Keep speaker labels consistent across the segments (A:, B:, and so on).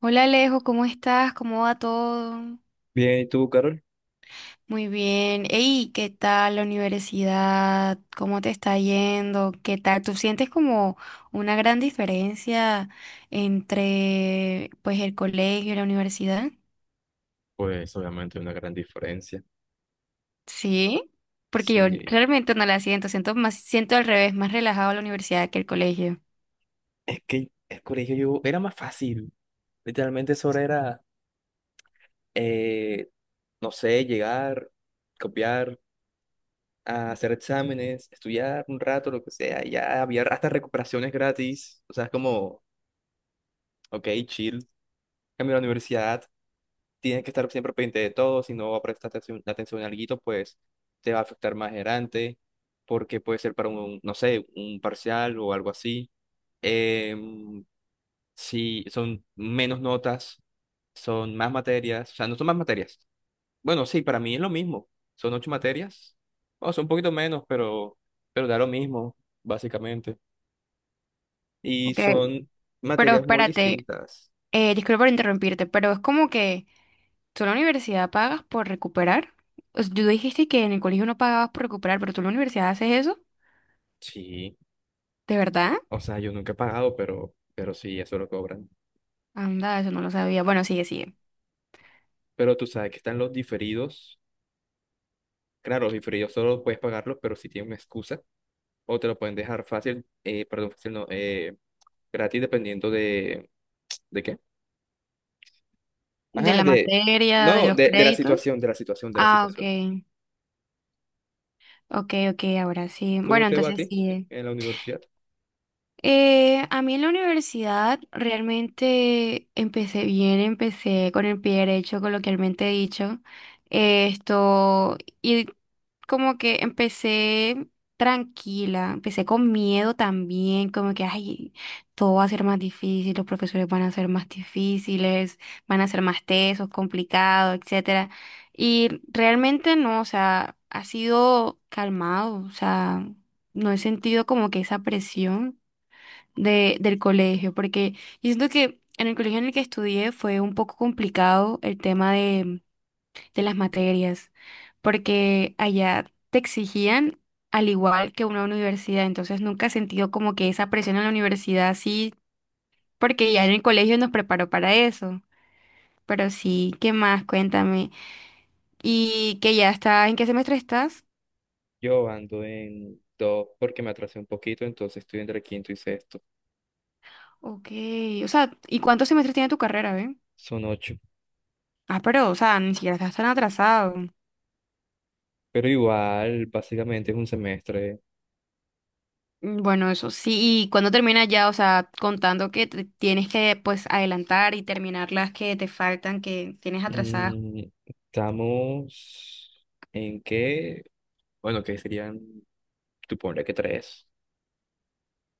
A: Hola Alejo, ¿cómo estás? ¿Cómo va todo?
B: Bien, ¿y tú, Carol?
A: Muy bien. Ey, ¿qué tal la universidad? ¿Cómo te está yendo? ¿Qué tal? ¿Tú sientes como una gran diferencia entre pues el colegio y la universidad?
B: Pues obviamente una gran diferencia.
A: Sí, porque yo
B: Sí,
A: realmente no la siento, siento más, siento al revés, más relajado la universidad que el colegio.
B: es que el colegio yo era más fácil. Literalmente solo era, eh, no sé, llegar, copiar, a hacer exámenes, estudiar un rato, lo que sea. Y ya había hasta recuperaciones gratis. O sea, es como, ok, chill. Cambié a la universidad. Tienes que estar siempre pendiente de todo, si no prestas atención a algo, pues te va a afectar más adelante, porque puede ser para un, no sé, un parcial o algo así. Em, si son menos notas, son más materias, o sea, no son más materias. Bueno, sí, para mí es lo mismo, son ocho materias, o son un poquito menos, pero da lo mismo, básicamente. Y
A: Ok,
B: son
A: pero
B: materias muy
A: espérate,
B: distintas.
A: disculpa por interrumpirte, pero es como que ¿tú en la universidad pagas por recuperar? O sea, tú dijiste que en el colegio no pagabas por recuperar, pero tú en la universidad haces eso.
B: Sí,
A: ¿De verdad?
B: o sea, yo nunca he pagado, pero sí, eso lo cobran.
A: Anda, eso no lo sabía. Bueno, sigue.
B: Pero tú sabes que están los diferidos. Claro, los diferidos solo puedes pagarlos, pero si tienen una excusa, o te lo pueden dejar fácil, perdón, fácil no, gratis dependiendo ¿de qué?
A: De
B: Ajá,
A: la
B: de,
A: materia, de
B: no,
A: los
B: de la
A: créditos.
B: situación, de la situación, de la
A: Ah,
B: situación.
A: ok. Ok, ok, ahora sí.
B: ¿Cómo
A: Bueno,
B: te va a
A: entonces
B: ti
A: sí.
B: en la universidad?
A: A mí en la universidad realmente empecé bien, empecé con el pie derecho, coloquialmente dicho. Esto, y Como que empecé tranquila, empecé con miedo también, como que, ay, todo va a ser más difícil, los profesores van a ser más difíciles, van a ser más tesos, complicados, etcétera. Y realmente no, o sea, ha sido calmado, o sea, no he sentido como que esa presión del colegio, porque yo siento que en el colegio en el que estudié fue un poco complicado el tema de las materias, porque allá te exigían al igual que una universidad, entonces nunca he sentido como que esa presión en la universidad, sí, porque ya en el colegio nos preparó para eso. Pero sí, ¿qué más? Cuéntame. ¿Y que ya está? ¿En qué semestre estás?
B: Yo ando en dos porque me atrasé un poquito, entonces estoy entre quinto y sexto.
A: Ok, o sea, ¿y cuántos semestres tiene tu carrera, ve?
B: Son ocho.
A: Ah, pero, o sea, ni siquiera estás tan atrasado.
B: Pero igual, básicamente es un semestre.
A: Mm, bueno, eso sí, y cuando termina ya, o sea, contando que te tienes que pues adelantar y terminar las que te faltan, que tienes atrasadas.
B: Estamos en qué, bueno, que serían, tú ponle que tres.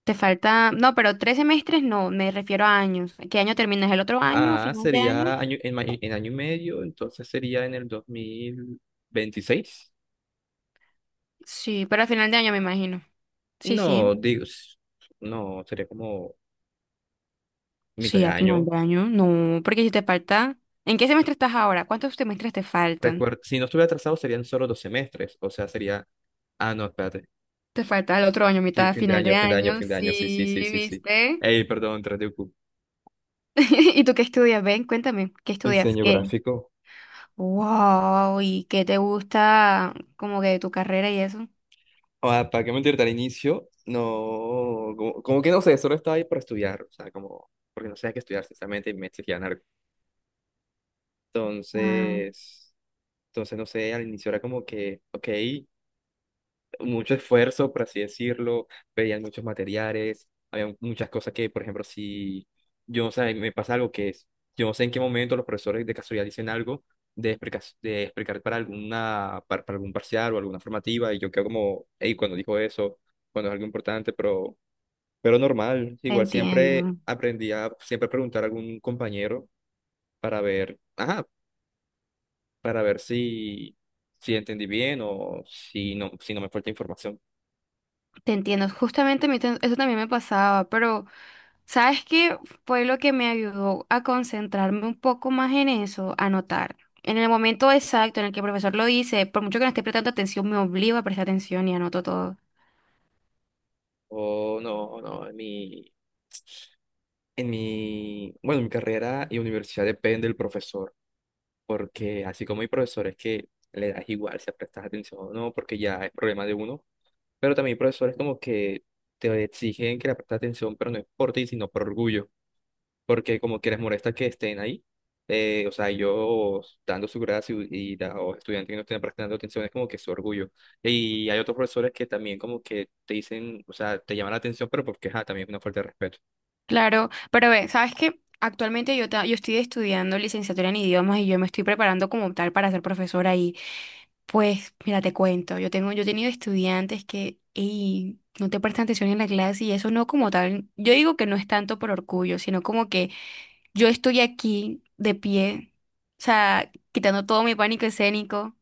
A: Te falta, no, pero tres semestres no, me refiero a años. ¿Qué año terminas? ¿El otro año? ¿A
B: Ah,
A: final de año?
B: sería año, en, en año y medio, entonces sería en el 2026.
A: Sí, pero a final de año me imagino. Sí, sí.
B: No, digo, no, sería como mitad
A: Sí,
B: de
A: a final
B: año.
A: de año. No, porque si te falta, ¿en qué semestre estás ahora? ¿Cuántos semestres te faltan?
B: Si no estuviera atrasado serían solo dos semestres, o sea, sería... Ah, no, espérate.
A: Te falta el otro año,
B: Sí,
A: mitad,
B: fin de
A: final
B: año,
A: de
B: fin de año,
A: año.
B: fin de año, sí, sí,
A: Sí,
B: sí, sí, sí.
A: ¿viste?
B: Ey, perdón, 3.
A: ¿Y tú qué estudias? Ven, cuéntame, ¿qué estudias?
B: Diseño
A: ¿Qué?
B: gráfico.
A: Wow, ¿y qué te gusta como que de tu carrera y eso?
B: Ah, ¿para qué mentirte al inicio? No, como que no sé, solo estaba ahí por estudiar, o sea, como, porque no sabía qué estudiar, sinceramente, y me exigían algo.
A: Ah,
B: Entonces, entonces, no sé, al inicio era como que, ok, mucho esfuerzo, por así decirlo. Veían muchos materiales, había muchas cosas que, por ejemplo, si yo no sé, me pasa algo que es, yo no sé en qué momento los profesores de casualidad dicen algo de explicar para alguna, para algún parcial o alguna formativa, y yo quedo como, hey, cuando dijo eso, cuando es algo importante, pero normal.
A: te
B: Igual siempre
A: entiendo,
B: aprendí a siempre preguntar a algún compañero para ver. Ajá, para ver si entendí bien o si no, si no me falta información.
A: te entiendo. Justamente a mí eso también me pasaba, pero ¿sabes qué fue lo que me ayudó a concentrarme un poco más en eso? Anotar. En el momento exacto en el que el profesor lo dice, por mucho que no esté prestando atención, me obligo a prestar atención y anoto todo.
B: O no, no, en mi, bueno, mi carrera y universidad depende del profesor, porque así como hay profesores que le das igual si prestas atención o no, porque ya es problema de uno, pero también hay profesores como que te exigen que le prestes atención, pero no es por ti, sino por orgullo. Porque como que les molesta que estén ahí. O sea, yo dando su gracia y o estudiantes que no estén prestando atención es como que su orgullo. Y hay otros profesores que también como que te dicen, o sea, te llaman la atención, pero porque ajá, también es una falta de respeto.
A: Claro, pero ve, ¿sabes qué? Actualmente yo estoy estudiando licenciatura en idiomas y yo me estoy preparando como tal para ser profesora y pues, mira, te cuento, yo tengo, yo he tenido estudiantes que ey, no te prestan atención en la clase y eso no como tal, yo digo que no es tanto por orgullo, sino como que yo estoy aquí de pie, o sea, quitando todo mi pánico escénico,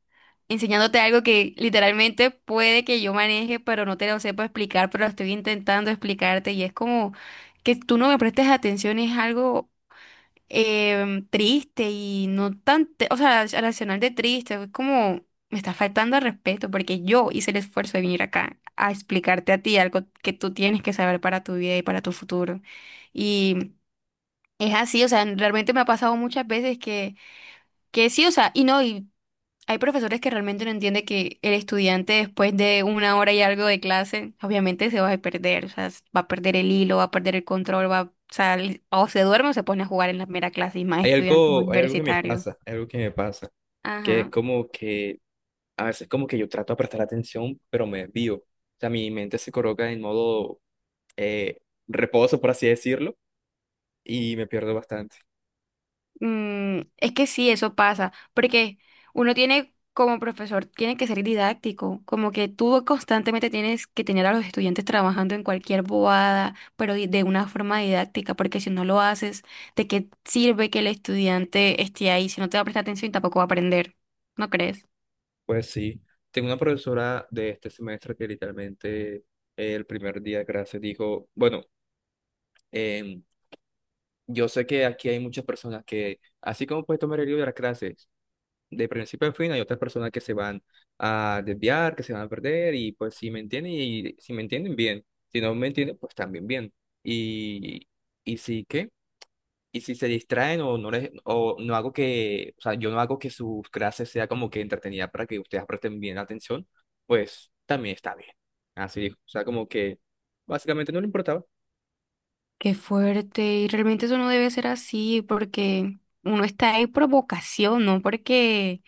A: enseñándote algo que literalmente puede que yo maneje, pero no te lo sepa explicar, pero estoy intentando explicarte y es como que tú no me prestes atención, es algo triste y no o sea, racional de triste, es como me está faltando al respeto porque yo hice el esfuerzo de venir acá a explicarte a ti algo que tú tienes que saber para tu vida y para tu futuro. Es así, o sea, realmente me ha pasado muchas veces que sí, o sea, y no, y hay profesores que realmente no entienden que el estudiante después de una hora y algo de clase, obviamente se va a perder, o sea, va a perder el hilo, va a perder el control, o sea, o se duerme o se pone a jugar en la mera clase y más estudiantes
B: Hay algo que me
A: universitarios.
B: pasa, hay algo que me pasa, que es
A: Ajá.
B: como que a veces como que yo trato de prestar atención, pero me desvío. O sea, mi mente se coloca en modo eh, reposo, por así decirlo, y me pierdo bastante.
A: Mm, es que sí, eso pasa, porque uno tiene como profesor, tiene que ser didáctico, como que tú constantemente tienes que tener a los estudiantes trabajando en cualquier bobada, pero de una forma didáctica, porque si no lo haces, ¿de qué sirve que el estudiante esté ahí si no te va a prestar atención y tampoco va a aprender? ¿No crees?
B: Pues sí, tengo una profesora de este semestre que literalmente, el primer día de clase dijo, bueno, em, yo sé que aquí hay muchas personas que, así como puedes tomar el libro de las clases, de principio a fin, hay otras personas que se van a desviar, que se van a perder, y pues si me entienden, y si me entienden bien, si no me entienden, pues también bien. Y, y sí que... Y si se distraen o no les, o no hago que, o sea, yo no hago que sus clases sea como que entretenida para que ustedes presten bien atención, pues también está bien. Así dijo. O sea, como que básicamente no le importaba.
A: Qué fuerte, y realmente eso no debe ser así, porque uno está ahí por vocación, no porque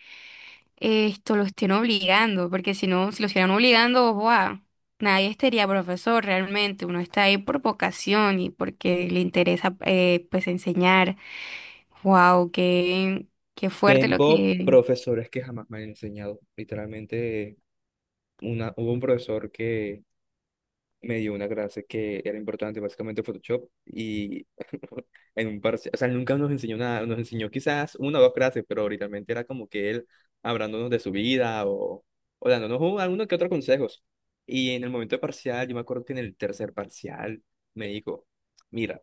A: esto lo estén obligando, porque si no, si lo estuvieran obligando, ¡guau! Nadie estaría profesor realmente, uno está ahí por vocación y porque le interesa pues enseñar. Wow, qué, qué fuerte lo
B: Tengo profesores que jamás me han enseñado. Literalmente, hubo un profesor que me dio una clase que era importante, básicamente Photoshop, y en un parcial, o sea, él nunca nos enseñó nada, nos enseñó quizás una o dos clases, pero literalmente era como que él hablándonos de su vida, o dándonos alguno que otro consejos. Y en el momento de parcial, yo me acuerdo que en el tercer parcial me dijo, mira,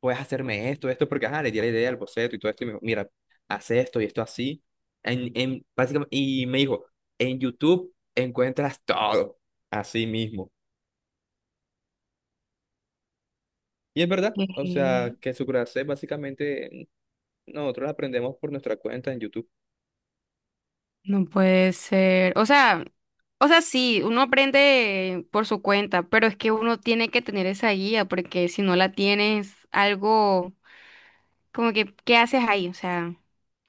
B: puedes hacerme esto, esto, porque ajá, le di la idea al boceto y todo esto, y me dijo, mira, haz esto y esto así. En, básicamente, y me dijo, en YouTube encuentras todo, así mismo. Y es verdad, o sea,
A: que
B: que su clase básicamente nosotros la aprendemos por nuestra cuenta en YouTube.
A: no puede ser. O sea, sí, uno aprende por su cuenta, pero es que uno tiene que tener esa guía, porque si no la tienes, algo como que, ¿qué haces ahí? O sea,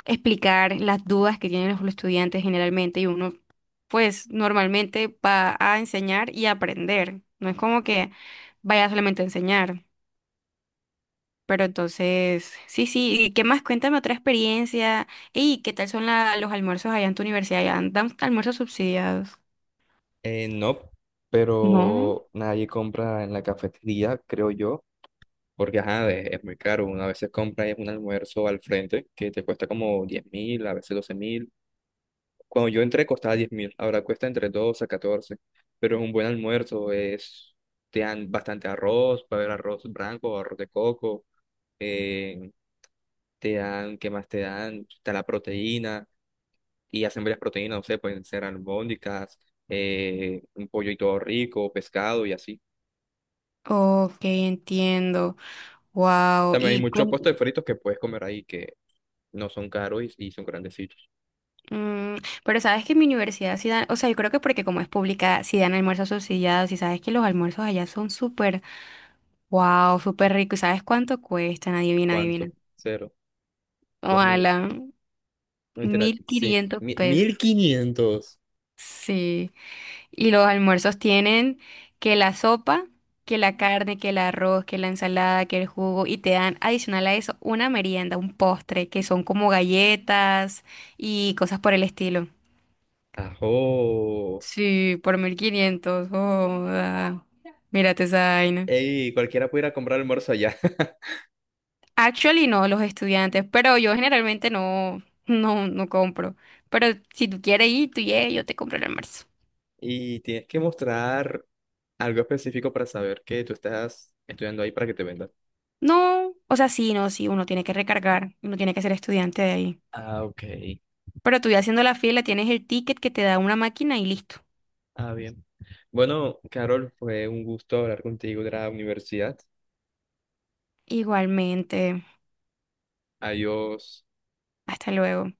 A: explicar las dudas que tienen los estudiantes generalmente y uno pues normalmente va a enseñar y aprender. No es como que vaya solamente a enseñar. Pero entonces, sí, sí, ¿y qué más? Cuéntame otra experiencia. ¿Y qué tal son los almuerzos allá en tu universidad? ¿Ya dan almuerzos subsidiados?
B: No,
A: ¿No?
B: pero nadie compra en la cafetería, creo yo, porque ajá, es muy caro. Una vez se compra es un almuerzo al frente que te cuesta como 10.000, a veces 12.000. Cuando yo entré costaba 10.000, ahora cuesta entre 12 a 14, pero es un buen almuerzo, es, te dan bastante arroz, puede haber arroz blanco, arroz de coco, eh, te dan, ¿qué más te dan? Está la proteína y hacen varias proteínas, no sé, pueden ser albóndigas, un pollo y todo rico, pescado y así.
A: Ok, entiendo. Wow.
B: También hay
A: Y
B: muchos puestos de fritos que puedes comer ahí que no son caros y son grandecitos.
A: mm, pero sabes que en mi universidad sí dan, o sea, yo creo que porque como es pública, sí dan almuerzos subsidiados y sabes que los almuerzos allá son súper. Wow, súper rico. ¿Y sabes cuánto cuestan? Adivina, adivina.
B: ¿Cuánto? Cero, 2.000,
A: Ojalá,
B: no mentira,
A: mil
B: sí,
A: quinientos
B: mil
A: pesos.
B: quinientos.
A: Sí. Y los almuerzos tienen que la sopa, que la carne, que el arroz, que la ensalada, que el jugo. Y te dan adicional a eso una merienda, un postre, que son como galletas y cosas por el estilo.
B: Ajo.
A: Sí, por 1500. Joda. Mírate esa vaina.
B: Ey, cualquiera puede ir a comprar almuerzo allá.
A: Actually no, los estudiantes, pero yo generalmente no, no compro. Pero si tú quieres ir, yo te compro el almuerzo.
B: Y tienes que mostrar algo específico para saber que tú estás estudiando ahí para que te vendan.
A: No, o sea, sí, no, sí, uno tiene que recargar, uno tiene que ser estudiante de ahí.
B: Ah, ok.
A: Pero tú ya haciendo la fila, tienes el ticket que te da una máquina y listo.
B: Ah, bien. Bueno, Carol, fue un gusto hablar contigo de la universidad.
A: Igualmente,
B: Adiós.
A: hasta luego.